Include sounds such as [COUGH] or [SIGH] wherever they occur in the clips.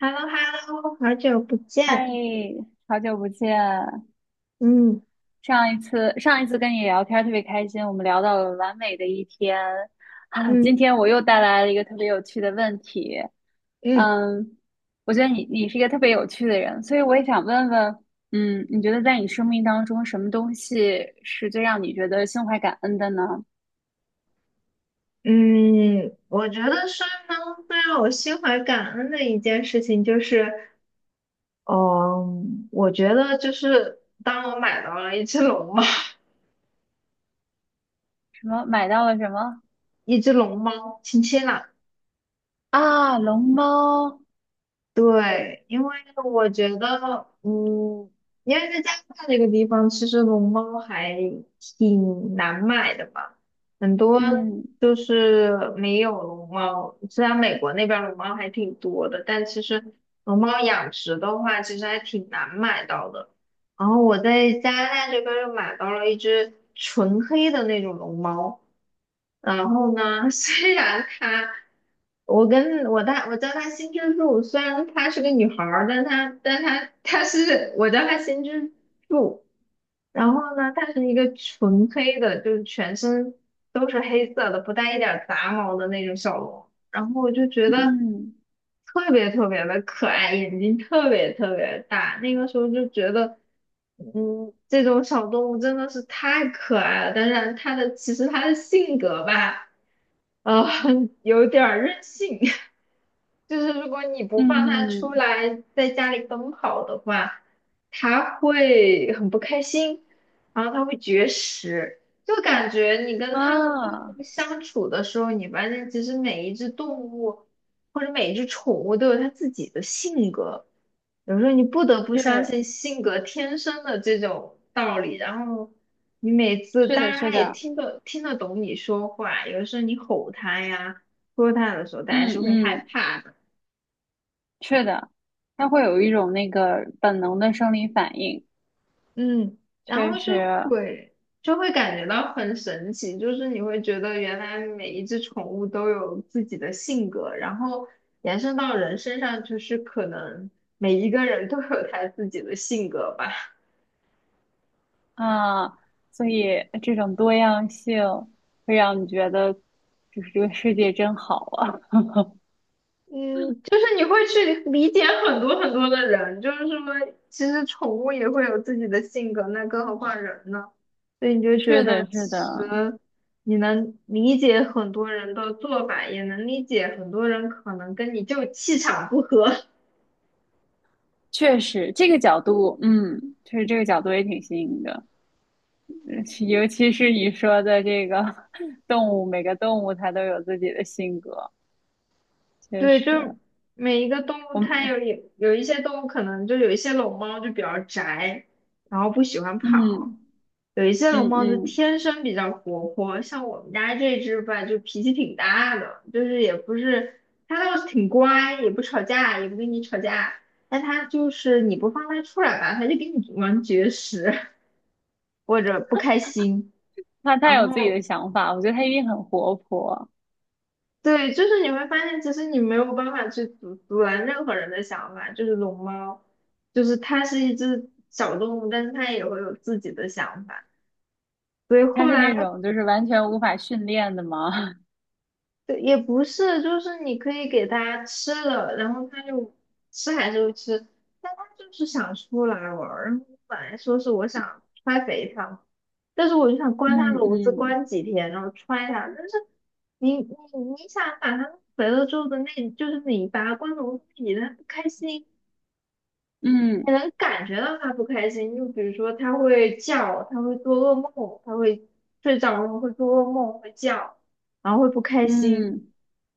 h e l l o hello 好久不嗨，见。好久不见！嗯上一次跟你聊天儿特别开心，我们聊到了完美的一天啊。今嗯天我又带来了一个特别有趣的问题，嗯嗯，我觉得你是一个特别有趣的人，所以我也想问问，嗯，你觉得在你生命当中，什么东西是最让你觉得心怀感恩的呢？嗯，我觉得是最让我心怀感恩的一件事情就是，嗯，我觉得就是当我买到了一只龙猫，[LAUGHS] 什么买到了什么一只龙猫，亲亲啦。啊？龙猫，对，因为我觉得，因为在加拿大这个地方，其实龙猫还挺难买的嘛，很多嗯就是没有龙猫。虽然美国那边儿龙猫还挺多的，但其实龙猫养殖的话，其实还挺难买到的。然后我在加拿大这边儿又买到了一只纯黑的那种龙猫，然后呢，[LAUGHS] 虽然它。我跟我大我叫她新之助，虽然她是个女孩儿，但她是我叫她新之助。然后呢，她是一个纯黑的，就是全身都是黑色的，不带一点儿杂毛的那种小龙。然后我就觉得嗯特别特别的可爱，眼睛特别特别大。那个时候就觉得，这种小动物真的是太可爱了。但是其实它的性格吧，呃，[LAUGHS] 有点儿任性。[LAUGHS] 就是如果你不嗯放它出嗯来在家里奔跑的话，它会很不开心，然后它会绝食。就感觉你跟它们动啊，物相处的时候，你发现其实每一只动物或者每一只宠物都有它自己的性格，有时候你不得不相信是性格天生的这种道理。然后你每次，是当的，然是它也的。听得懂你说话，有的时候你吼它呀、说它的时候，它还嗯是会害嗯，怕的。是的，它会有一种那个本能的生理反应，嗯，然确后就实会就会感觉到很神奇，就是你会觉得原来每一只宠物都有自己的性格，然后延伸到人身上，就是可能每一个人都有他自己的性格吧。啊，所以这种多样性会让你觉得，就是这个世界真好啊。嗯，就是你会去理解很多很多的人，就是说，其实宠物也会有自己的性格，那更何况人呢？所以你 [LAUGHS] 就觉是得，的，是其的，实你能理解很多人的做法，也能理解很多人可能跟你就气场不合。[LAUGHS] 确实这个角度，嗯，确实这个角度也挺新颖的，[LAUGHS] 其尤其是你说的这个 [LAUGHS] 动物，每个动物它都有自己的性格，确对，就实，是每一个动物，我们，它有一些动物可能就一些龙猫就比较宅，然后不喜欢跑。嗯有一些龙嗯猫就嗯。天生比较活泼，像我们家这只吧，就脾气挺大的，就是也不是，它倒是挺乖，也不吵架，也不跟你吵架，但它就是你不放它出来吧，它就跟你玩绝食 [LAUGHS] 或者不开心，他太然有自己后的想法，我觉得他一定很活泼。对，就是你会发现，其实你没有办法去阻拦任何人的想法，就是龙猫，就是它是一只小动物，但是它也会有自己的想法。所以他后是来那种就是完全无法训练的嘛。[LAUGHS] 对，也不是，就是你可以给它吃了，然后它就吃还是会吃，但它就是想出来玩儿。然后我本来说是我想揣肥它嘛，但是我就想关它嗯笼子嗯关几天，然后揣它。但是你你你想把它弄肥了之后的那，就是你把它关笼子里，它不开心，你嗯能感觉到它不开心。就比如说它会叫，它会做噩梦，它会睡着了会做噩梦，会叫，然后会不开心。嗯，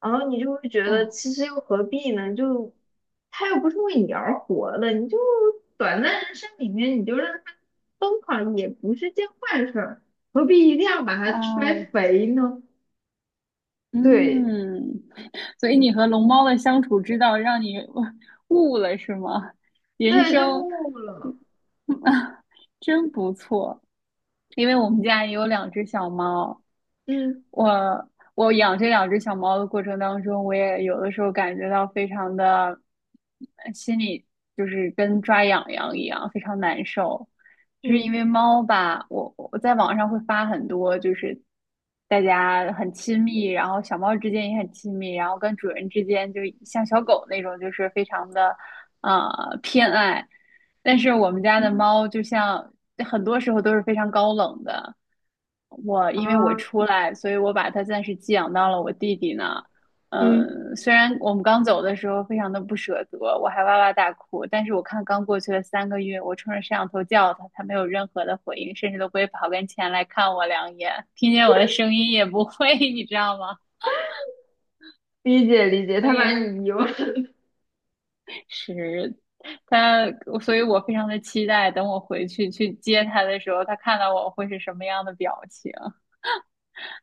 然后你就会觉得哦其实又何必呢？就他又不是为你而活的，你就短暂人生里面你就让他疯狂也不是件坏事儿，何必一定要把它摔啊肥呢？对嗯，所以你和龙猫的相处之道让你悟了是吗？人对，就生 悟了，[LAUGHS] 真不错，因为我们家也有两只小猫，嗯我我养这两只小猫的过程当中，我也有的时候感觉到非常的心里就是跟抓痒痒一样，非常难受。就是因嗯为猫吧，我在网上会发很多，就是大家很亲密，然后小猫之间也很亲密，然后跟主人之间就像小狗那种，就是非常的偏爱。但是我们家的嗯猫就像很多时候都是非常高冷的。我因为我出啊，来，所以我把它暂时寄养到了我弟弟那。嗯，嗯，虽然我们刚走的时候非常的不舍得，我还哇哇大哭，但是我看刚过去了三个月，我冲着摄像头叫他，他没有任何的回应，甚至都不会跑跟前来看我两眼，听见我的声音也不会，[LAUGHS] 你知道吗？理解理解，所他把以你遗忘。是他，所以我非常的期待，等我回去去接他的时候，他看到我会是什么样的表情。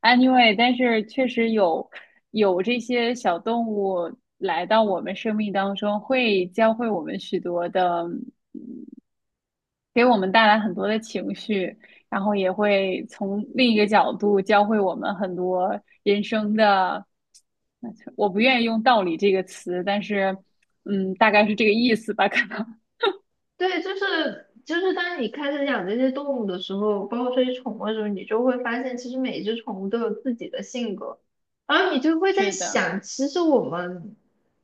Anyway，但是确实有这些小动物来到我们生命当中，会教会我们许多的，给我们带来很多的情绪，然后也会从另一个角度教会我们很多人生的。我不愿意用“道理”这个词，但是，嗯，大概是这个意思吧，可能 对，就是当你开始养这些动物的时候，包括这些宠物的时候，你就会发现，其实每一只宠物都有自己的性格，然后你就 [LAUGHS] 会在是的，想，其实我们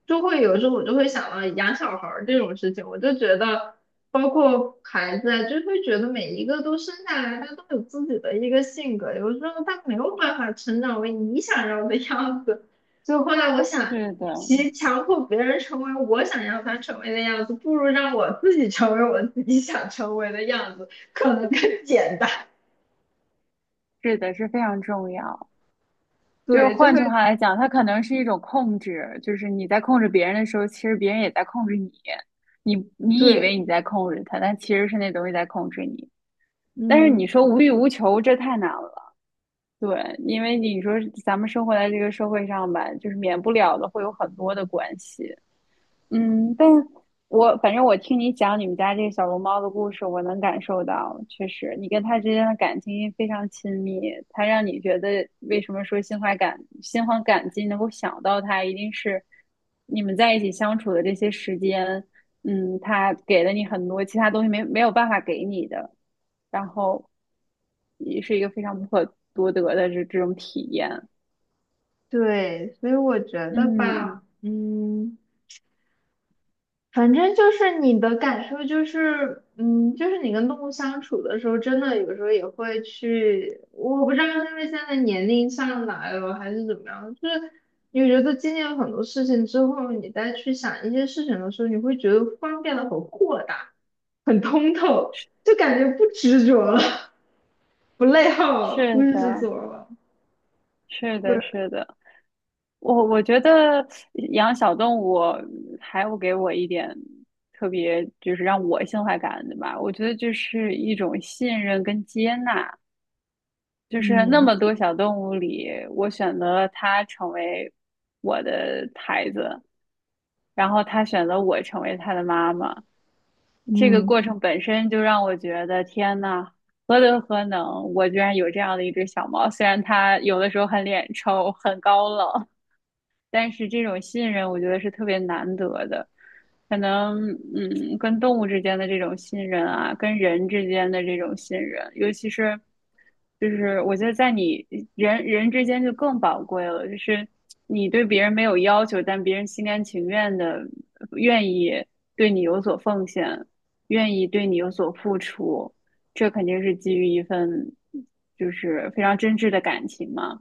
就会有时候我就会想到养小孩儿这种事情，我就觉得，包括孩子啊，就会觉得每一个都生下来，他都有自己的一个性格，有时候他没有办法成长为你想要的样子，所以后来我想。是的，其强迫别人成为我想要他成为的样子，不如让我自己成为我自己想成为的样子，可能更简单。是的，是非常重要。就是对，就换会句话来讲，它可能是一种控制，就是你在控制别人的时候，其实别人也在控制你。你以为对，你在控制他，但其实是那东西在控制你。但是嗯，你说无欲无求，这太难了。对，因为你说咱们生活在这个社会上吧，就是免不了的会有很多的关系，嗯，但我反正我听你讲你们家这个小龙猫的故事，我能感受到，确实你跟它之间的感情非常亲密，它让你觉得为什么说心怀感激，能够想到它，一定是你们在一起相处的这些时间，嗯，它给了你很多其他东西没有办法给你的，然后也是一个非常不可多得的这种体验。对，所以我觉得嗯，吧，嗯。反正就是你的感受就是，就是你跟动物相处的时候，真的有时候也会去，我不知道是因为现在年龄上来了还是怎么样，就是你觉得经历了很多事情之后，你再去想一些事情的时候，你会觉得方便变得很豁达、很通透，就感觉不执着了，[LAUGHS] 不内耗了，不是执的，着了。是对，的，是的。我我觉得养小动物还有给我一点特别，就是让我心怀感恩的吧。我觉得就是一种信任跟接纳，就是那嗯么多小动物里，我选择了它成为我的孩子，然后它选择我成为它的妈妈。这个嗯过程本身就让我觉得，天呐，何德何能，我居然有这样的一只小猫。虽然它有的时候很脸臭，很高冷。但是这种信任，我觉得是特别难得的。可能，嗯，跟动物之间的这种信任啊，跟人之间的这种信任，尤其是，就是我觉得在你人之间就更宝贵了。就是你对别人没有要求，但别人心甘情愿的愿意对你有所奉献，愿意对你有所付出，这肯定是基于一份就是非常真挚的感情嘛。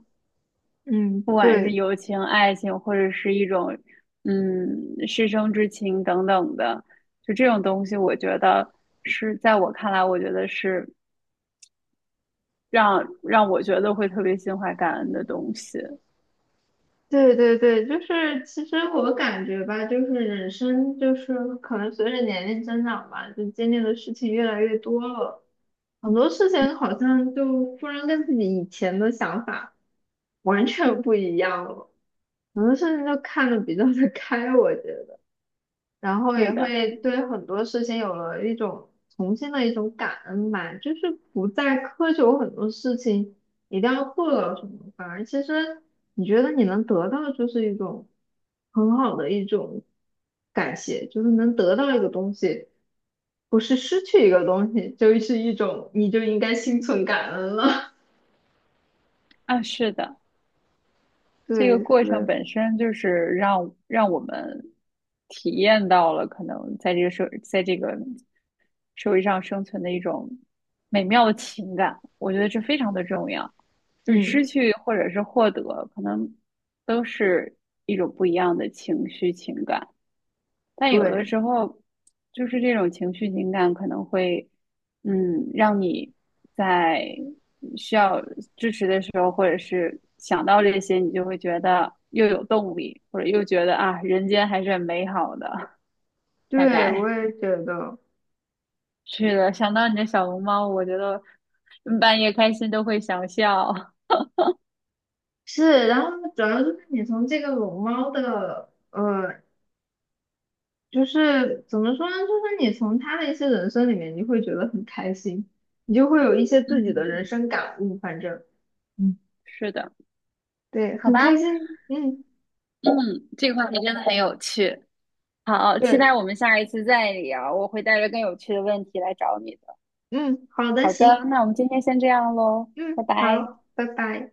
嗯，不管是对友情、爱情，或者是一种师生之情等等的，就这种东西，我觉得是在我看来，我觉得是让我觉得会特别心怀感恩的东西。对，就是其实我感觉吧，就是人生就是可能随着年龄增长吧，就经历的事情越来越多了，很多事情好像就突然跟自己以前的想法完全不一样了，很多事情就看得比较的开，我觉得。然后也是的，会对很多事情有了一种重新的一种感恩吧，就是不再苛求很多事情一定要做到什么，反而其实你觉得你能得到就是一种很好的一种感谢，就是能得到一个东西，不是失去一个东西，就是一种你就应该心存感恩了。啊，是的，[LAUGHS] 这个对过程对本身就是让我们体验到了可能在这个社，在这个社会上生存的一种美妙的情感，我觉得这非常的重要。就是嗯，失去或者是获得，可能都是一种不一样的情绪情感，但有的对，时候就是这种情绪情感可能会，嗯，让你在需要支持的时候，或者是想到这些，你就会觉得又有动力，或者又觉得啊，人间还是很美好的，大对，我概。也觉得。是的，想到你的小龙猫，我觉得嗯半夜开心都会想笑。是，然后主要就是你从这个龙猫的，就是怎么说呢？就是你从他的一些人生里面，你会觉得很开心，你就会有一些自己的人 [LAUGHS] 生感悟。反正，嗯，是的，对，好很开吧，心。嗯，这个话题真的很有趣。好，期对，待我们下一次再聊，我会带着更有趣的问题来找你的。嗯，好的，好的，行，那我们今天先这样喽，拜嗯，拜。好，拜拜。